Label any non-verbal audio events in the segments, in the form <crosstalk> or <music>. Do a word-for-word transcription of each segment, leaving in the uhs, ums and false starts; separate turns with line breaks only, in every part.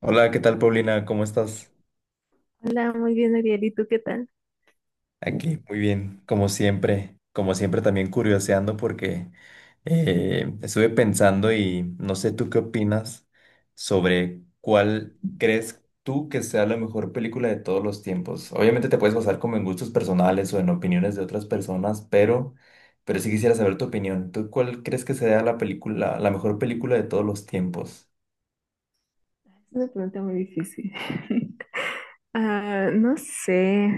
Hola, ¿qué tal, Paulina? ¿Cómo estás?
Hola, muy bien, Ariel. ¿Y tú qué tal?
Aquí, muy bien, como siempre, como siempre también curioseando porque eh, estuve pensando y no sé tú qué opinas sobre cuál crees tú que sea la mejor película de todos los tiempos. Obviamente te puedes basar como en gustos personales o en opiniones de otras personas, pero, pero sí quisiera saber tu opinión. ¿Tú cuál crees que sea la película, la mejor película de todos los tiempos?
Es una pregunta muy difícil. <laughs> Ah, no sé,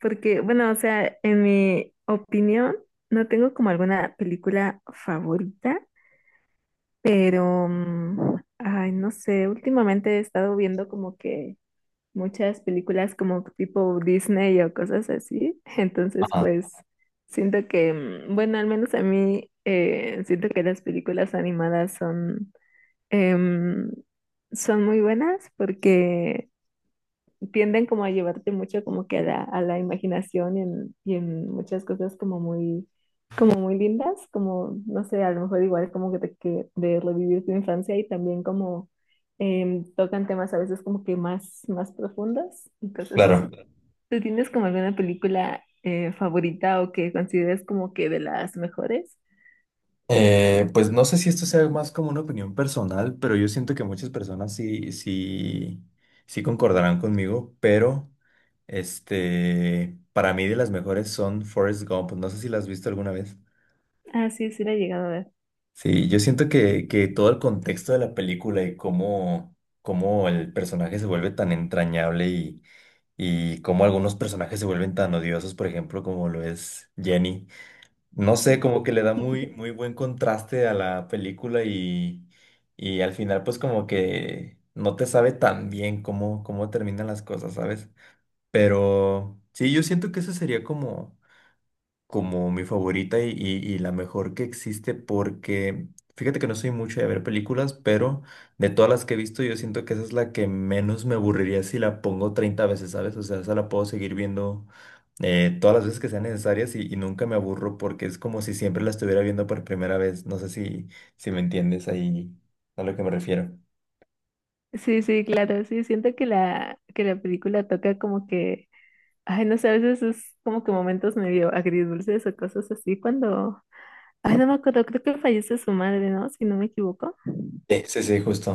porque, bueno, o sea, en mi opinión, no tengo como alguna película favorita, Pero, mm, ay, no sé, últimamente he estado viendo como que muchas películas como tipo Disney o cosas así. <laughs> Entonces,
Ajá,
pues, siento que, mm, bueno, al menos a mí, eh, siento que las películas animadas son, em, son muy buenas porque tienden como a llevarte mucho como que a la, a la, imaginación y en, y en muchas cosas como muy, como muy lindas, como, no sé, a lo mejor igual como que, te- que de revivir tu infancia y también como em, tocan temas a veces como que más, más profundos y cosas así.
claro.
¿Tú tienes como alguna película eh, favorita o que consideres como que de las mejores?
Eh, pues no sé si esto sea más como una opinión personal, pero yo siento que muchas personas sí, sí, sí concordarán conmigo, pero este, para mí de las mejores son Forrest Gump. No sé si la has visto alguna vez.
Ah, sí, sí la he llegado a ver.
Sí, yo siento que, que todo el contexto de la película y cómo, cómo el personaje se vuelve tan entrañable y, y cómo algunos personajes se vuelven tan odiosos, por ejemplo, como lo es Jenny. No
Sí,
sé, como que le da muy, muy buen contraste a la película y, y al final pues como que no te sabe tan bien cómo, cómo terminan las cosas, ¿sabes? Pero sí, yo siento que ese sería como como mi favorita y, y- y la mejor que existe porque fíjate que no soy mucho de ver películas, pero de todas las que he visto yo siento que esa es la que menos me aburriría si la pongo treinta veces, ¿sabes? O sea, esa la puedo seguir viendo eh, todas las veces que sean necesarias y, y nunca me aburro porque es como si siempre la estuviera viendo por primera vez. No sé si, si me entiendes ahí a lo que me refiero.
sí, sí, claro, sí, siento que la, que la, película toca como que Ay, no sé, a veces es como que momentos medio agridulces o cosas así cuando, ay, no me acuerdo, creo que fallece su madre, ¿no? Si no me equivoco.
Sí, sí, sí, justo.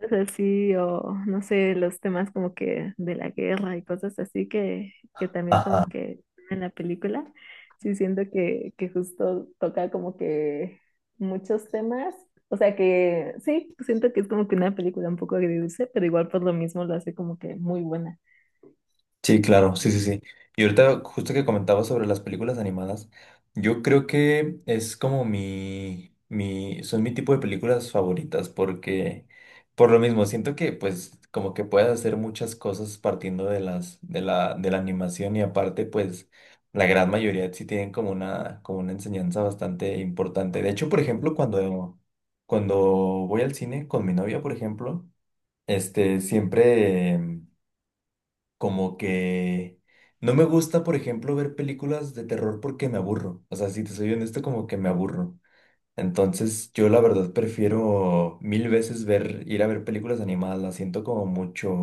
Entonces así, o no sé, los temas como que de la guerra y cosas así que, que también
Ajá.
como que en la película, sí siento que, que justo toca como que muchos temas. O sea que sí, siento que es como que una película un poco agridulce, pero igual por lo mismo lo hace como que muy buena.
Sí, claro, sí, sí, sí. Y ahorita, justo que comentaba sobre las películas animadas, yo creo que es como mi, mi, son mi tipo de películas favoritas porque, por lo mismo, siento que pues como que puedes hacer muchas cosas partiendo de las, de la, de la animación y aparte pues la gran mayoría sí tienen como una, como una enseñanza bastante importante. De hecho, por ejemplo, cuando, cuando voy al cine con mi novia, por ejemplo, este, siempre... Como que no me gusta, por ejemplo, ver películas de terror porque me aburro. O sea, si te soy honesto, como que me aburro. Entonces, yo la verdad prefiero mil veces ver, ir a ver películas animadas. Las siento como mucho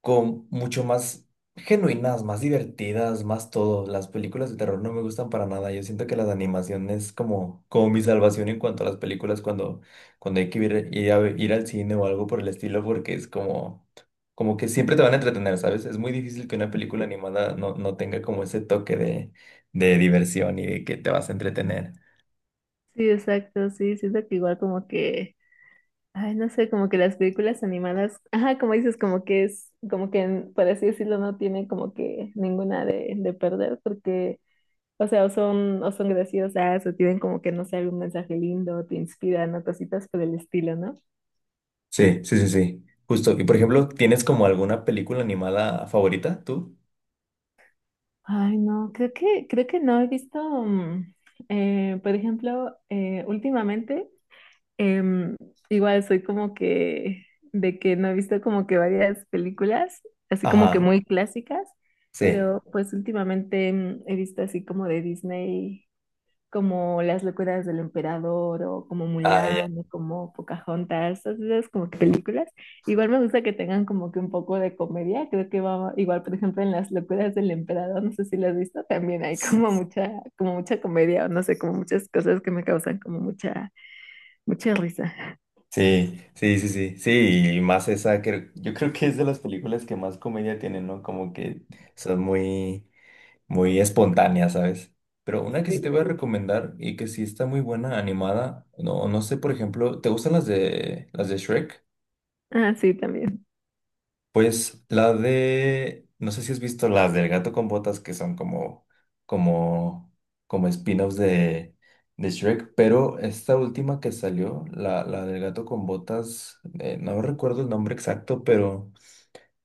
con mucho más genuinas, más divertidas, más todo. Las películas de terror no me gustan para nada. Yo siento que las animaciones como, como mi salvación en cuanto a las películas cuando, cuando hay que ir, ir a, ir al cine o algo por el estilo, porque es como, como que siempre te van a entretener, ¿sabes? Es muy difícil que una película animada no, no tenga como ese toque de, de diversión y de que te vas a entretener.
Sí, exacto, sí, siento que igual como que Ay, no sé, como que las películas animadas, ajá, como dices, como que es, como que, por así decirlo, no tiene como que ninguna de, de, perder, porque, o sea, o son, o son graciosas, o tienen como que, no sé, algún mensaje lindo, o te inspiran, o cositas por el estilo, ¿no?
Sí, sí, sí, sí. Justo. Y por ejemplo, ¿tienes como alguna película animada favorita tú?
Ay, no, creo que, creo que no he visto, mm, eh, por ejemplo, eh, últimamente. Em, Igual soy como que de que no he visto como que varias películas, así como que
Ajá,
muy clásicas,
sí.
pero pues últimamente em, he visto así como de Disney, como Las locuras del emperador o como
Ah, ya.
Mulan o como Pocahontas, todas esas como que películas. Igual me gusta que tengan como que un poco de comedia, creo que va igual, por ejemplo, en Las locuras del emperador, no sé si lo has visto, también hay como mucha como mucha comedia o no sé, como muchas cosas que me causan como mucha mucha risa.
Sí, sí, sí, sí, sí, y más esa, creo- yo creo que es de las películas que más comedia tienen, ¿no? Como que son muy, muy espontáneas, ¿sabes? Pero una que sí te
Sí.
voy a recomendar y que sí está muy buena, animada, no, no sé, por ejemplo, ¿te gustan las de, las de Shrek?
Ah, sí, también.
Pues la de, no sé si has visto las del gato con botas que son como, como, como spin-offs de, de Shrek, pero esta última que salió, la, la del gato con botas, eh, no recuerdo el nombre exacto, pero,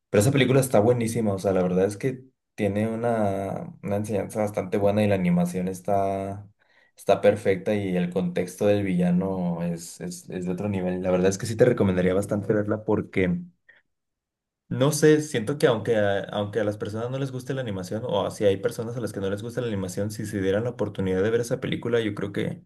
pero esa película está buenísima, o sea, la verdad es que tiene una, una enseñanza bastante buena y la animación está, está perfecta y el contexto del villano es, es, es de otro nivel. La verdad es que sí te recomendaría bastante verla porque... No sé, siento que aunque a, aunque a las personas no les guste la animación, o si hay personas a las que no les gusta la animación, si se dieran la oportunidad de ver esa película, yo creo que,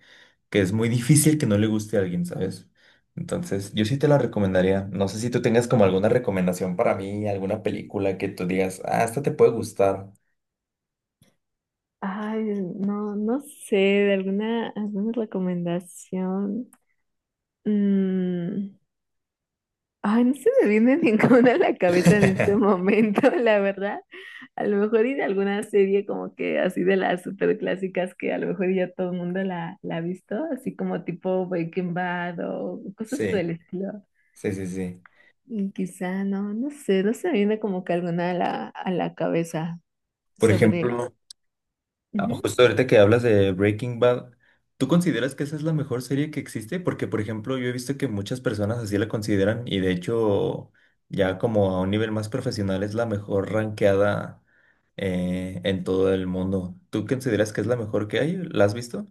que es muy difícil que no le guste a alguien, ¿sabes? Entonces, yo sí te la recomendaría. No sé si tú tengas como alguna recomendación para mí, alguna película que tú digas, ah, esta te puede gustar.
Ay, no, no sé, de alguna, alguna recomendación. Mm, Ay, no se me viene <laughs> ninguna a la cabeza en este
<laughs>
momento, la verdad. A lo mejor ir a alguna serie como que así de las super clásicas que a lo mejor ya todo el mundo la, la ha visto, así como tipo Breaking Bad o cosas por
Sí,
el estilo.
sí, sí, sí.
Y quizá no, no sé, no se me viene como que alguna a la, a la cabeza
Por
sobre.
ejemplo, ah,
Ujú.
justo ahorita que hablas de Breaking Bad, ¿tú consideras que esa es la mejor serie que existe? Porque, por ejemplo, yo he visto que muchas personas así la consideran y de hecho ya como a un nivel más profesional es la mejor rankeada eh, en todo el mundo. ¿Tú consideras que es la mejor que hay? ¿La has visto?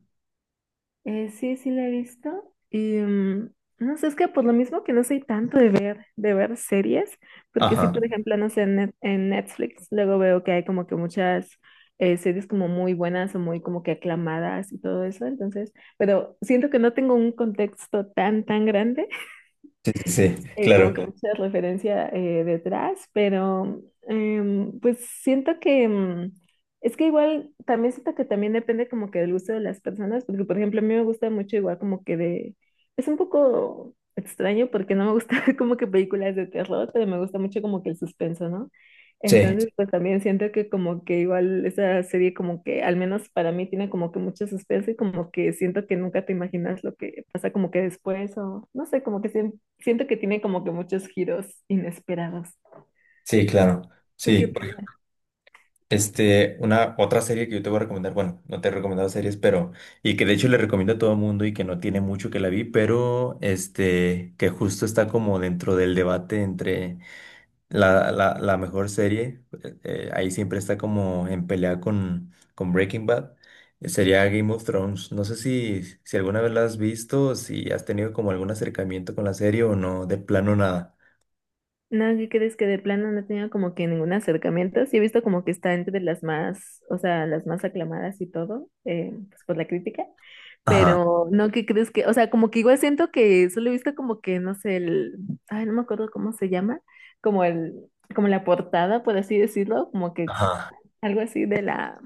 Eh, sí, sí la he visto. Y mm, no sé, es que por lo mismo que no soy tanto de ver, de ver series, porque
Ajá,
sí, por ejemplo, no sé, en, Net- en Netflix luego veo que hay como que muchas eh, series como muy buenas o muy como que aclamadas y todo eso, entonces, pero siento que no tengo un contexto tan, tan grande
sí, sí, sí,
eh, como
claro.
que mucha referencia eh, detrás, pero em, pues siento que em, es que igual también siento que también depende como que del gusto de las personas, porque por ejemplo a mí me gusta mucho igual como que de, es un poco extraño porque no me gusta <laughs> como que películas de terror, pero me gusta mucho como que el suspenso, ¿no?
Sí,
Entonces, pues también siento que como que igual esa serie como que, al menos para mí, tiene como que mucho suspenso y como que siento que nunca te imaginas lo que pasa como que después o no sé, como que sien- siento que tiene como que muchos giros inesperados.
sí, claro.
¿Tú qué
Sí.
opinas?
Este, una otra serie que yo te voy a recomendar, bueno, no te he recomendado series, pero, y que de hecho le recomiendo a todo el mundo y que no tiene mucho que la vi, pero este, que justo está como dentro del debate entre la, la, la mejor serie, eh, eh, ahí siempre está como en pelea con, con Breaking Bad, eh, sería Game of Thrones. No sé si, si alguna vez la has visto, si has tenido como algún acercamiento con la serie o no, de plano nada.
No, ¿qué crees que de plano no tenía como que ningún acercamiento? Sí he visto como que está entre las más, o sea, las más aclamadas y todo, eh, pues por la crítica,
Ajá,
pero no, ¿qué crees que? O sea, como que igual siento que solo he visto como que, no sé, el, ay, no me acuerdo cómo se llama, como el, como la portada, por así decirlo, como que
ajá.
algo así de la,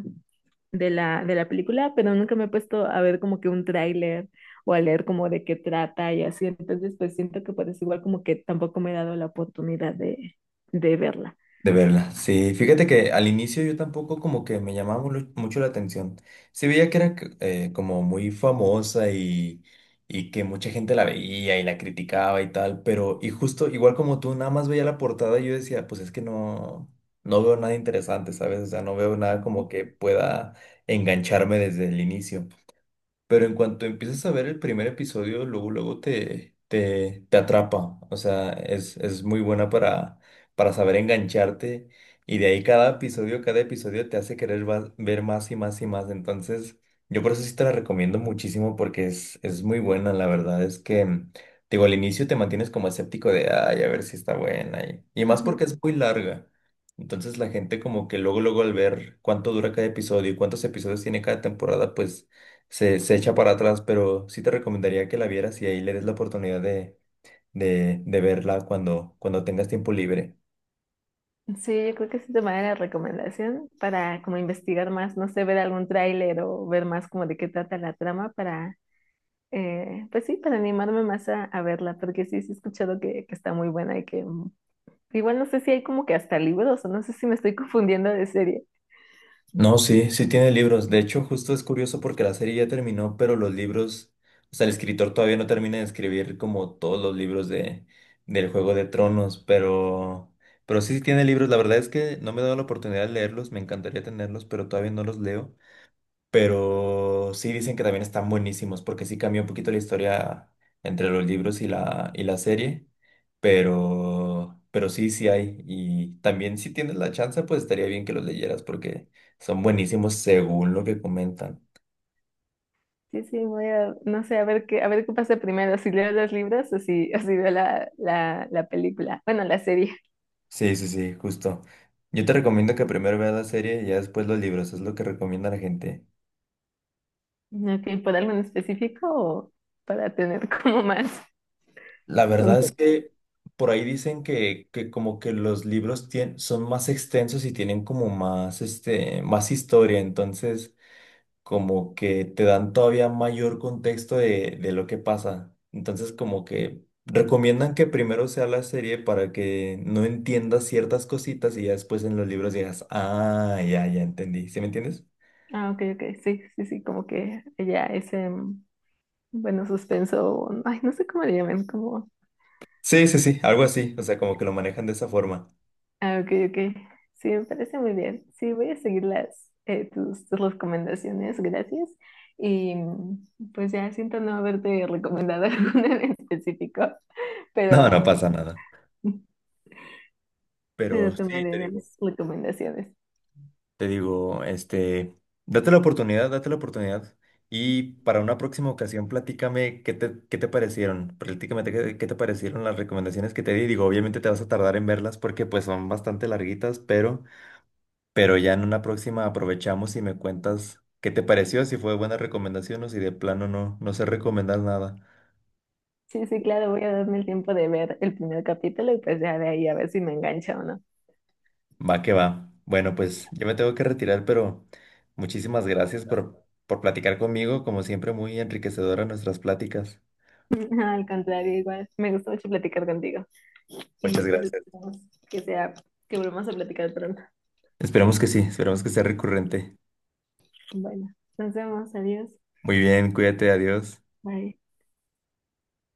de la, de la película, pero nunca me he puesto a ver como que un tráiler o a leer como de qué trata y así. Entonces, pues siento que pues igual como que tampoco me he dado la oportunidad de, de verla.
De verla, sí. Fíjate que al inicio yo tampoco como que me llamaba mulu- mucho la atención. Sí veía que era c- eh, como muy famosa y, y que mucha gente la veía y la criticaba y tal, pero y justo igual como tú, nada más veía la portada y yo decía, pues es que no, no veo nada interesante, ¿sabes? O sea, no veo nada
Ujú,
como que pueda engancharme desde el inicio. Pero en cuanto empiezas a ver el primer episodio, luego, luego te, te, te atrapa. O sea, es, es muy buena para, para saber engancharte. Y de ahí cada episodio, cada episodio te hace querer va- ver más y más y más. Entonces, yo por eso sí te la recomiendo muchísimo porque es, es muy buena. La verdad es que, mm, digo, al inicio te mantienes como escéptico de, ay, a ver si está buena. Y, y más
ujú.
porque es muy larga. Entonces la gente como que luego, luego al ver cuánto dura cada episodio y cuántos episodios tiene cada temporada, pues se, se echa para atrás, pero sí te recomendaría que la vieras y ahí le des la oportunidad de, de, de verla cuando, cuando tengas tiempo libre.
Sí, yo creo que sí te manera de recomendación para como investigar más, no sé, ver algún tráiler o ver más como de qué trata la trama para, eh, pues sí, para animarme más a, a verla, porque sí, sí he escuchado que, que, está muy buena y que mm, igual no sé si hay como que hasta libros o no sé si me estoy <laughs> confundiendo de serie.
No, sí, sí tiene libros. De hecho, justo es curioso porque la serie ya terminó, pero los libros, o sea, el escritor todavía no termina de escribir como todos los libros de, del Juego de Tronos, pero, pero sí sí tiene libros. La verdad es que no me he dado la oportunidad de leerlos, me encantaría tenerlos, pero todavía no los leo. Pero sí dicen que también están buenísimos, porque sí cambió un poquito la historia entre los libros y la, y la serie. Pero, pero sí, sí hay. Y también si tienes la chance, pues estaría bien que los leyeras, porque son buenísimos según lo que comentan.
Sí, sí, voy a, no sé, a ver qué, a ver qué pasa primero, si leo los libros o si, <laughs> o si veo la, la, la película, bueno, la serie.
Sí, sí, sí, justo. Yo te recomiendo que primero veas la serie y ya después los libros, es lo que recomienda la gente.
Ok, ¿por algo en específico o para tener <laughs> como más?
La verdad es que por ahí dicen que, que como que los libros tien- son más extensos y tienen como más, este, más historia, entonces como que te dan todavía mayor contexto de, de lo que pasa. Entonces como que recomiendan que primero sea la serie para que no entiendas ciertas cositas y ya después en los libros digas, ah, ya, ya entendí. ¿Sí me entiendes?
Ah, ok, ok, sí, sí, sí, como que ella ese, mm, bueno, suspenso, mm, ay, no sé cómo le llaman, como,
Sí, sí, sí, algo así. O sea, como que lo manejan de esa forma.
ah, ok, ok, sí, me parece muy bien, sí, voy a seguir las, eh, tus, tus recomendaciones, gracias, y mm, pues ya siento no haberte recomendado <laughs> alguna en específico,
No, no
pero,
pasa nada.
<laughs> pero
Pero sí, te
tomaré
digo.
las recomendaciones.
Te digo, este, date la oportunidad, date la oportunidad. Y para una próxima ocasión, platícame qué te, qué te parecieron. Platícame qué, qué te parecieron las recomendaciones que te di. Digo, obviamente te vas a tardar en verlas porque pues son bastante larguitas, pero, pero ya en una próxima aprovechamos y me cuentas qué te pareció, si fue buena recomendación o si de plano no, no sé recomendar nada.
Sí, sí, claro, voy a darme el tiempo de ver el primer capítulo y pues ya de ahí a ver si me engancha o no.
Va que va. Bueno, pues yo me tengo que retirar, pero muchísimas gracias por, por platicar conmigo. Como siempre, muy enriquecedora nuestras pláticas.
<laughs> Al contrario, igual, me gustó mucho platicar contigo. Y
Muchas
pues
gracias.
esperamos que sea, que volvamos a platicar pronto.
Esperamos que sí, esperamos que sea recurrente.
Bueno, nos vemos, adiós,
Muy bien, cuídate, adiós.
bye.